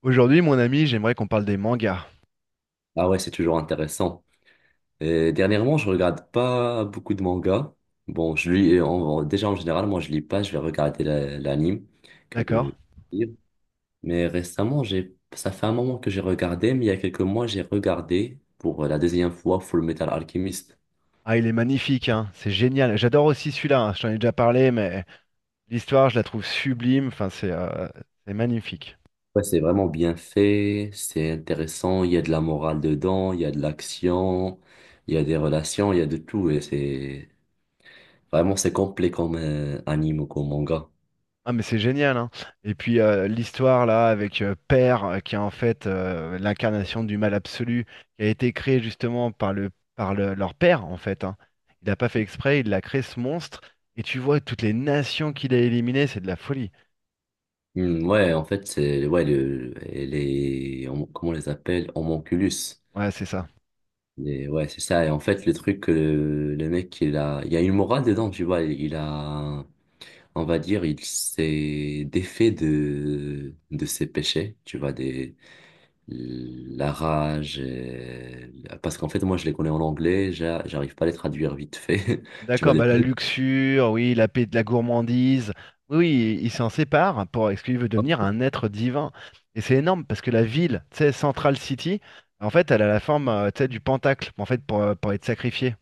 Aujourd'hui, mon ami, j'aimerais qu'on parle des mangas. Ah ouais, c'est toujours intéressant. Dernièrement, je regarde pas beaucoup de mangas. Bon, je lis, déjà en général, moi je lis pas, je vais regarder l'anime que D'accord? Lire. Mais récemment, j'ai, ça fait un moment que j'ai regardé, mais il y a quelques mois, j'ai regardé pour la deuxième fois Full Metal Alchemist. Ah, il est magnifique, hein. C'est génial. J'adore aussi celui-là, hein, je t'en ai déjà parlé, mais l'histoire, je la trouve sublime. Enfin, c'est magnifique. Ouais, c'est vraiment bien fait, c'est intéressant, il y a de la morale dedans, il y a de l'action, il y a des relations, il y a de tout et c'est vraiment c'est complet comme anime ou comme manga. Ah, mais c'est génial, hein. Et puis, l'histoire, là, avec Père, qui est en fait l'incarnation du mal absolu, qui a été créé justement par leur père, en fait, hein. Il n'a pas fait exprès, il a créé ce monstre. Et tu vois toutes les nations qu'il a éliminées, c'est de la folie. Hmm, ouais, en fait, c'est ouais, comment on les appelle? Homonculus. Ouais, c'est ça. Ouais, c'est ça. Et en fait, le truc, le mec, il a, il y a une morale dedans, tu vois. Il a, on va dire, il s'est défait de ses péchés, tu vois, des, la rage. Parce qu'en fait, moi, je les connais en anglais, j'arrive pas à les traduire vite fait, tu vois. D'accord, bah la luxure, oui, la paix de la gourmandise. Oui, oui, il s'en sépare pour parce qu'il veut devenir un être divin. Et c'est énorme parce que la ville, tu sais, Central City, en fait, elle a la forme, tu sais, du pentacle, en fait, pour être sacrifié.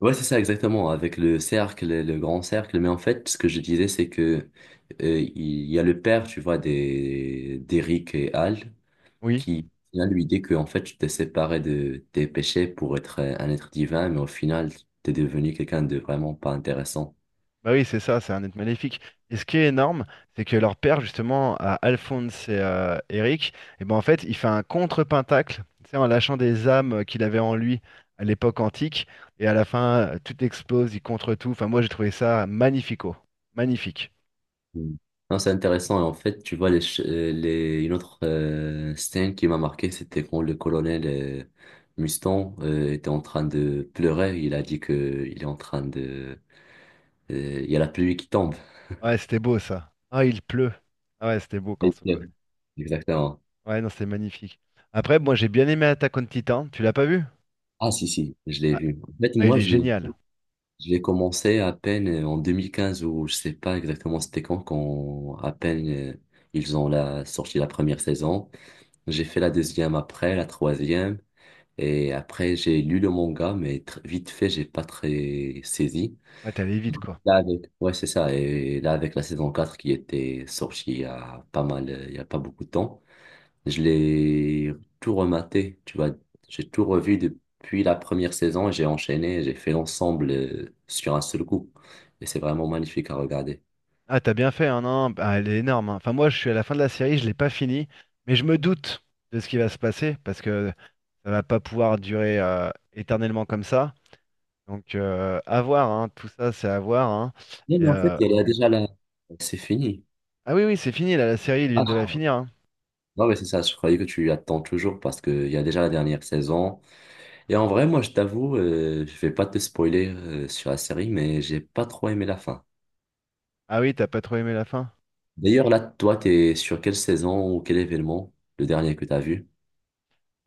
Ouais, c'est ça exactement, avec le cercle, le grand cercle. Mais en fait, ce que je disais, c'est que il y a le père, tu vois, des d'Eric et Al, Oui. qui vient lui dit que en fait, tu t'es séparé de tes péchés pour être un être divin, mais au final, t'es devenu quelqu'un de vraiment pas intéressant. Bah oui, c'est ça, c'est un être maléfique. Et ce qui est énorme, c'est que leur père, justement, à Alphonse et Eric, et ben en fait, il fait un contre-pentacle, tu sais, en lâchant des âmes qu'il avait en lui à l'époque antique, et à la fin, tout explose, il contre tout. Enfin, moi, j'ai trouvé ça magnifico. Magnifique. Mm. Non, c'est intéressant. Et en fait, tu vois, une autre scène qui m'a marqué, c'était quand le colonel Mustang était en train de pleurer. Il a dit que il est en train de il y a la pluie qui tombe. Ouais, c'était beau, ça. Ah, il pleut. Ah ouais, c'était beau quand Et c'est quoi. Exactement. Ouais, non, c'était magnifique. Après, moi, j'ai bien aimé Attack on Titan. Tu l'as pas vu? Ah, si, si, je l'ai Ah, vu. En fait, ah, il moi, est génial. je l'ai commencé à peine en 2015 ou je sais pas exactement c'était quand, à peine ils ont la, sorti la première saison. J'ai fait la deuxième après, la troisième. Et après, j'ai lu le manga, mais vite fait, j'ai pas très saisi. Ouais, t'es allé vite, quoi. Là, avec, ouais, c'est ça. Et là, avec la saison 4 qui était sortie il y a pas mal, il y a pas beaucoup de temps. Je l'ai tout rematé, tu vois. J'ai tout revu depuis la première saison, j'ai enchaîné, j'ai fait l'ensemble sur un seul coup. Et c'est vraiment magnifique à regarder. Ah, t'as bien fait, hein, non? Bah, elle est énorme, hein. Enfin, moi, je suis à la fin de la série, je l'ai pas fini, mais je me doute de ce qui va se passer parce que ça va pas pouvoir durer éternellement comme ça. Donc, à voir, hein. Tout ça, c'est à voir, hein. Mais, Et, mais en fait, euh, il y a déjà la... C'est fini. Ah oui, oui, c'est fini, là, la série, ils viennent Ah, de la finir, hein. non, mais c'est ça, je croyais que tu attends toujours parce qu'il y a déjà la dernière saison. Et en vrai, moi, je t'avoue, je vais pas te spoiler sur la série, mais j'ai pas trop aimé la fin. Ah oui, t'as pas trop aimé la fin. D'ailleurs, là, toi, t'es sur quelle saison ou quel événement, le dernier que t'as vu?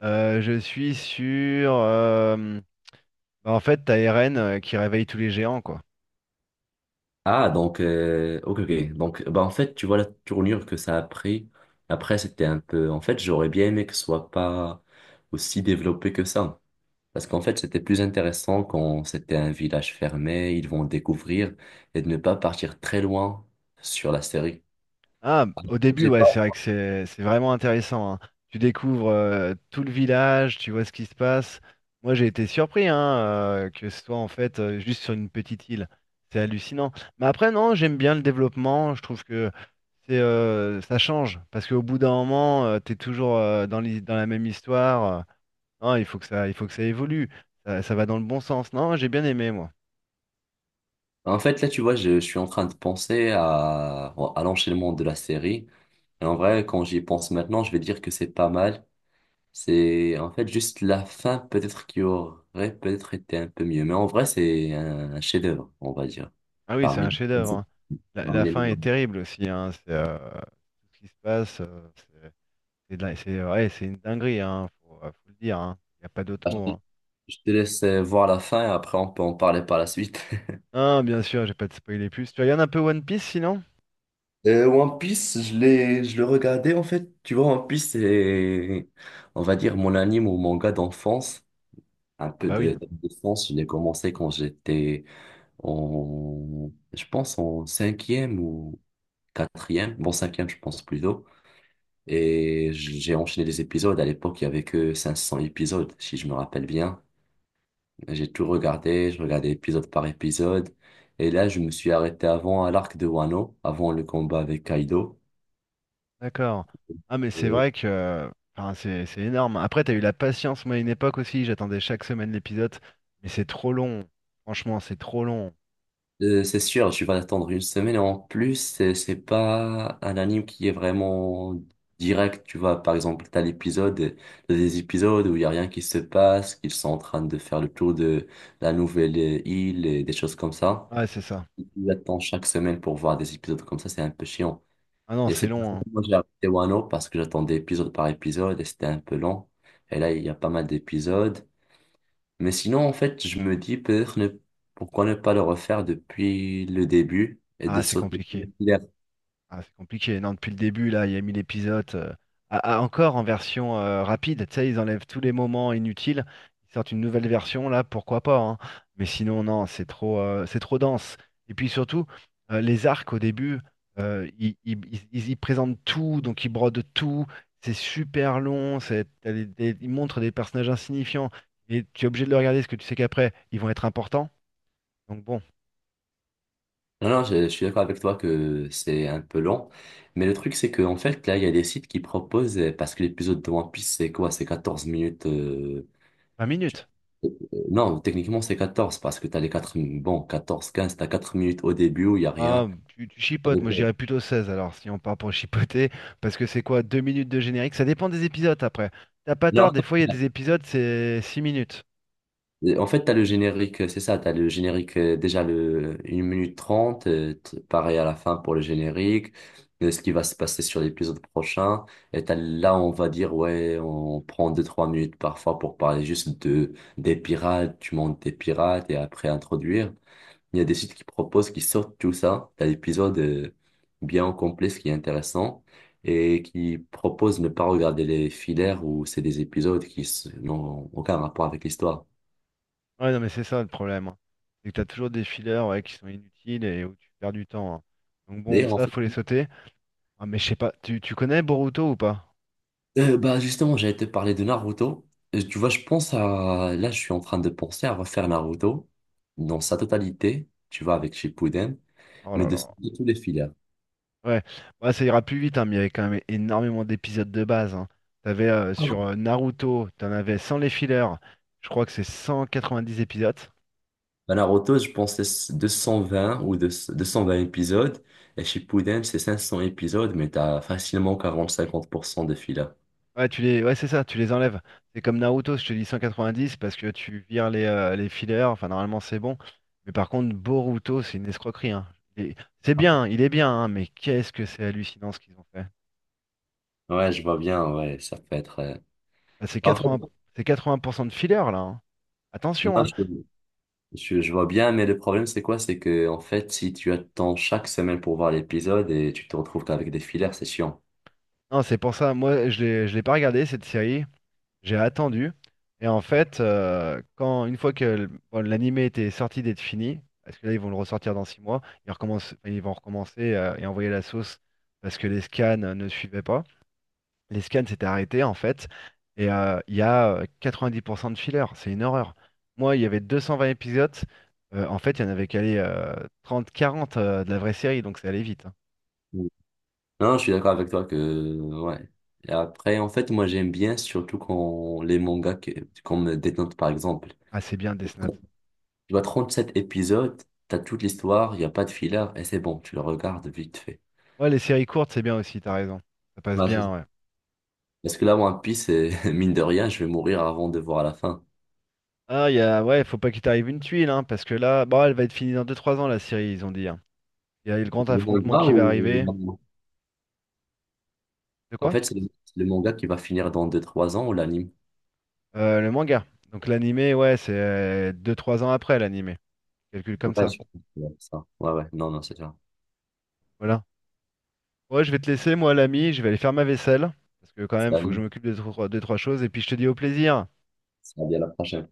Je suis sur. Bah, en fait, t'as Eren qui réveille tous les géants, quoi. Ah, donc, ok, ok. Donc, bah, en fait, tu vois la tournure que ça a pris. Après, c'était un peu. En fait, j'aurais bien aimé que ce soit pas aussi développé que ça. Parce qu'en fait, c'était plus intéressant quand c'était un village fermé, ils vont découvrir et de ne pas partir très loin sur la série. Ah, au début, J'ai ouais, pas. c'est vrai que c'est vraiment intéressant, hein. Tu découvres tout le village, tu vois ce qui se passe. Moi, j'ai été surpris hein, que ce soit en fait juste sur une petite île. C'est hallucinant. Mais après, non, j'aime bien le développement. Je trouve que c'est ça change parce qu'au bout d'un moment, t'es toujours dans dans la même histoire. Non, il faut que ça évolue. Ça va dans le bon sens. Non, j'ai bien aimé moi. En fait, là, tu vois, je suis en train de penser à, l'enchaînement de la série. Et en vrai, quand j'y pense maintenant, je vais dire que c'est pas mal. C'est en fait juste la fin peut-être qui aurait peut-être été un peu mieux. Mais en vrai, c'est un chef-d'œuvre, on va dire. Ah oui, c'est Parmi, un chef-d'œuvre, hein. La, parmi la les fin meilleurs. est terrible aussi, hein. C'est tout ce qui se passe. C'est c'est ouais, c'est une dinguerie, hein, faut le dire, hein. Il n'y a pas d'autre Bah, mot, Je te hein. je te laisse voir la fin et après on peut en parler par la suite. Ah, bien sûr, j'ai pas de spoiler plus. Tu regardes un peu One Piece sinon? One Piece, je le regardais en fait. Tu vois, One Piece, c'est, on va dire, mon anime ou manga d'enfance. Un Ah peu bah oui, d'enfance. Je l'ai commencé quand j'étais en, je pense, en cinquième ou quatrième. Bon, cinquième, je pense plutôt. Et j'ai enchaîné les épisodes. À l'époque, il y avait que 500 épisodes, si je me rappelle bien. J'ai tout regardé, je regardais épisode par épisode. Et là, je me suis arrêté avant à l'arc de Wano, avant le combat avec Kaido. d'accord. Ah mais c'est Euh, vrai que enfin, c'est énorme. Après, t'as eu la patience, moi à une époque aussi, j'attendais chaque semaine l'épisode, mais c'est trop long. Franchement, c'est trop long. C'est sûr, je vais attendre une semaine. Et en plus, c'est pas un anime qui est vraiment direct. Tu vois, par exemple, t'as des épisodes où il y a rien qui se passe, qu'ils sont en train de faire le tour de la nouvelle île et des choses comme ça. Ouais, c'est ça. Tu attends chaque semaine pour voir des épisodes comme ça, c'est un peu chiant. Ah non, Et c'est c'est pour ça long, hein. que moi j'ai arrêté Wano parce que j'attendais épisode par épisode et c'était un peu long. Et là, il y a pas mal d'épisodes. Mais sinon, en fait, je me dis peut-être ne... pourquoi ne pas le refaire depuis le début et de Ah, c'est sauter tous compliqué. les fillers. Ah, c'est compliqué. Non, depuis le début, là, il y a 1 000 épisodes. Encore en version rapide, tu sais, ils enlèvent tous les moments inutiles. Ils sortent une nouvelle version, là, pourquoi pas, hein. Mais sinon, non, c'est trop dense. Et puis surtout, les arcs au début, ils y présentent tout, donc ils brodent tout. C'est super long. C'est, t'as des- Ils montrent des personnages insignifiants. Et tu es obligé de le regarder parce que tu sais qu'après, ils vont être importants. Donc bon, Non, non, je suis d'accord avec toi que c'est un peu long. Mais le truc, c'est que en fait, là, il y a des sites qui proposent, parce que l'épisode de One Piece, c'est quoi? C'est 14 minutes. 20 minutes. Non, techniquement, c'est 14 parce que tu as les 4 bon, 14 15 tu as 4 minutes au début où il n'y a Ah, rien. tu chipotes, moi je dirais plutôt seize, alors, si on part pour chipoter, parce que c'est quoi, 2 minutes de générique? Ça dépend des épisodes après. T'as pas tort, Non, des fois il y a des épisodes, c'est 6 minutes. en fait, tu as le générique, c'est ça, tu as le générique déjà le une minute 30 pareil à la fin pour le générique, ce qui va se passer sur l'épisode prochain. Et là, on va dire, ouais, on prend deux trois minutes parfois pour parler juste de, des pirates, tu montes des pirates et après introduire. Il y a des sites qui proposent, qui sortent tout ça. T'as l'épisode bien complet, ce qui est intéressant, et qui proposent ne pas regarder les filaires où c'est des épisodes n'ont aucun rapport avec l'histoire. Ouais, non, mais c'est ça le problème, hein. C'est que t'as toujours des fillers ouais, qui sont inutiles et où tu perds du temps, hein. Donc bon, D'ailleurs, en ça, fait, faut les sauter. Ah, mais je sais pas, tu connais Boruto ou pas? Bah justement, j'allais te parler de Naruto. Tu vois, je pense à... Là, je suis en train de penser à refaire Naruto dans sa totalité, tu vois, avec Shippuden, Oh mais là de là. sauter tous les filaires. Ouais, bah, ça ira plus vite, hein, mais il y avait quand même énormément d'épisodes de base, hein. T'avais sur Naruto, t'en avais sans les fillers, je crois que c'est 190 épisodes. Bah, Naruto, je pense que c'est 220 ou 200 220 épisodes. Et Shippuden, c'est 500 épisodes, mais t'as facilement 40-50% de filler. Ouais, tu les ouais, c'est ça, tu les enlèves. C'est comme Naruto, je te dis 190 parce que tu vires les fillers, enfin normalement c'est bon. Mais par contre, Boruto, c'est une escroquerie, hein. Et c'est bien, il est bien, hein, mais qu'est-ce que c'est hallucinant ce qu'ils ont fait. Ouais, je vois bien, ouais, ça peut être... Bah, c'est bah, en 80, fait, c'est 80% de fillers là, hein. Attention, moi, hein. Je vois bien, mais le problème, c'est quoi? C'est que, en fait, si tu attends chaque semaine pour voir l'épisode et tu te retrouves qu'avec des fillers, c'est chiant. Non, c'est pour ça, moi je l'ai pas regardé cette série. J'ai attendu. Et en fait, quand une fois que bon, l'animé était sorti d'être fini, parce que là ils vont le ressortir dans 6 mois, ils recommencent, enfin, ils vont recommencer et envoyer la sauce parce que les scans ne suivaient pas. Les scans s'étaient arrêtés en fait, et il y a 90% de fillers, c'est une horreur. Moi, il y avait 220 épisodes, en fait, il y en avait calé 30-40 de la vraie série, donc c'est allé vite, hein. Mm. Non, je suis d'accord avec toi que, ouais. Et après, en fait, moi, j'aime bien, surtout quand les mangas comme Death Note, par exemple. Ah, c'est bien Death Note. Tu vois, 37 épisodes, t'as toute l'histoire, il n'y a pas de filler, et c'est bon, tu le regardes vite fait. Ouais, les séries courtes, c'est bien aussi, t'as raison. Ça passe Ouais, c'est ça. bien, ouais. Parce que là, One Piece, c'est- mine de rien, je vais mourir avant de voir la fin. Ah, il y a ouais, faut pas qu'il t'arrive une tuile, hein, parce que là, bon, elle va être finie dans deux trois ans, la série, ils ont dit, hein. Il y a le grand Le affrontement manga qui va ou arriver. l'anime. De En quoi? fait, c'est le manga qui va finir dans deux-trois ans ou l'anime? Le manga. Donc l'animé, ouais, c'est deux trois ans après l'animé. Calcule comme Ouais, ça. je pense que c'est ça. Ouais, ouais, non, non, c'est ça. Voilà. Ouais, je vais te laisser, moi, l'ami, je vais aller faire ma vaisselle, parce que quand C'est même, faut que je l'anime. m'occupe de deux trois choses, et puis je te dis au plaisir. Ça va bien la prochaine.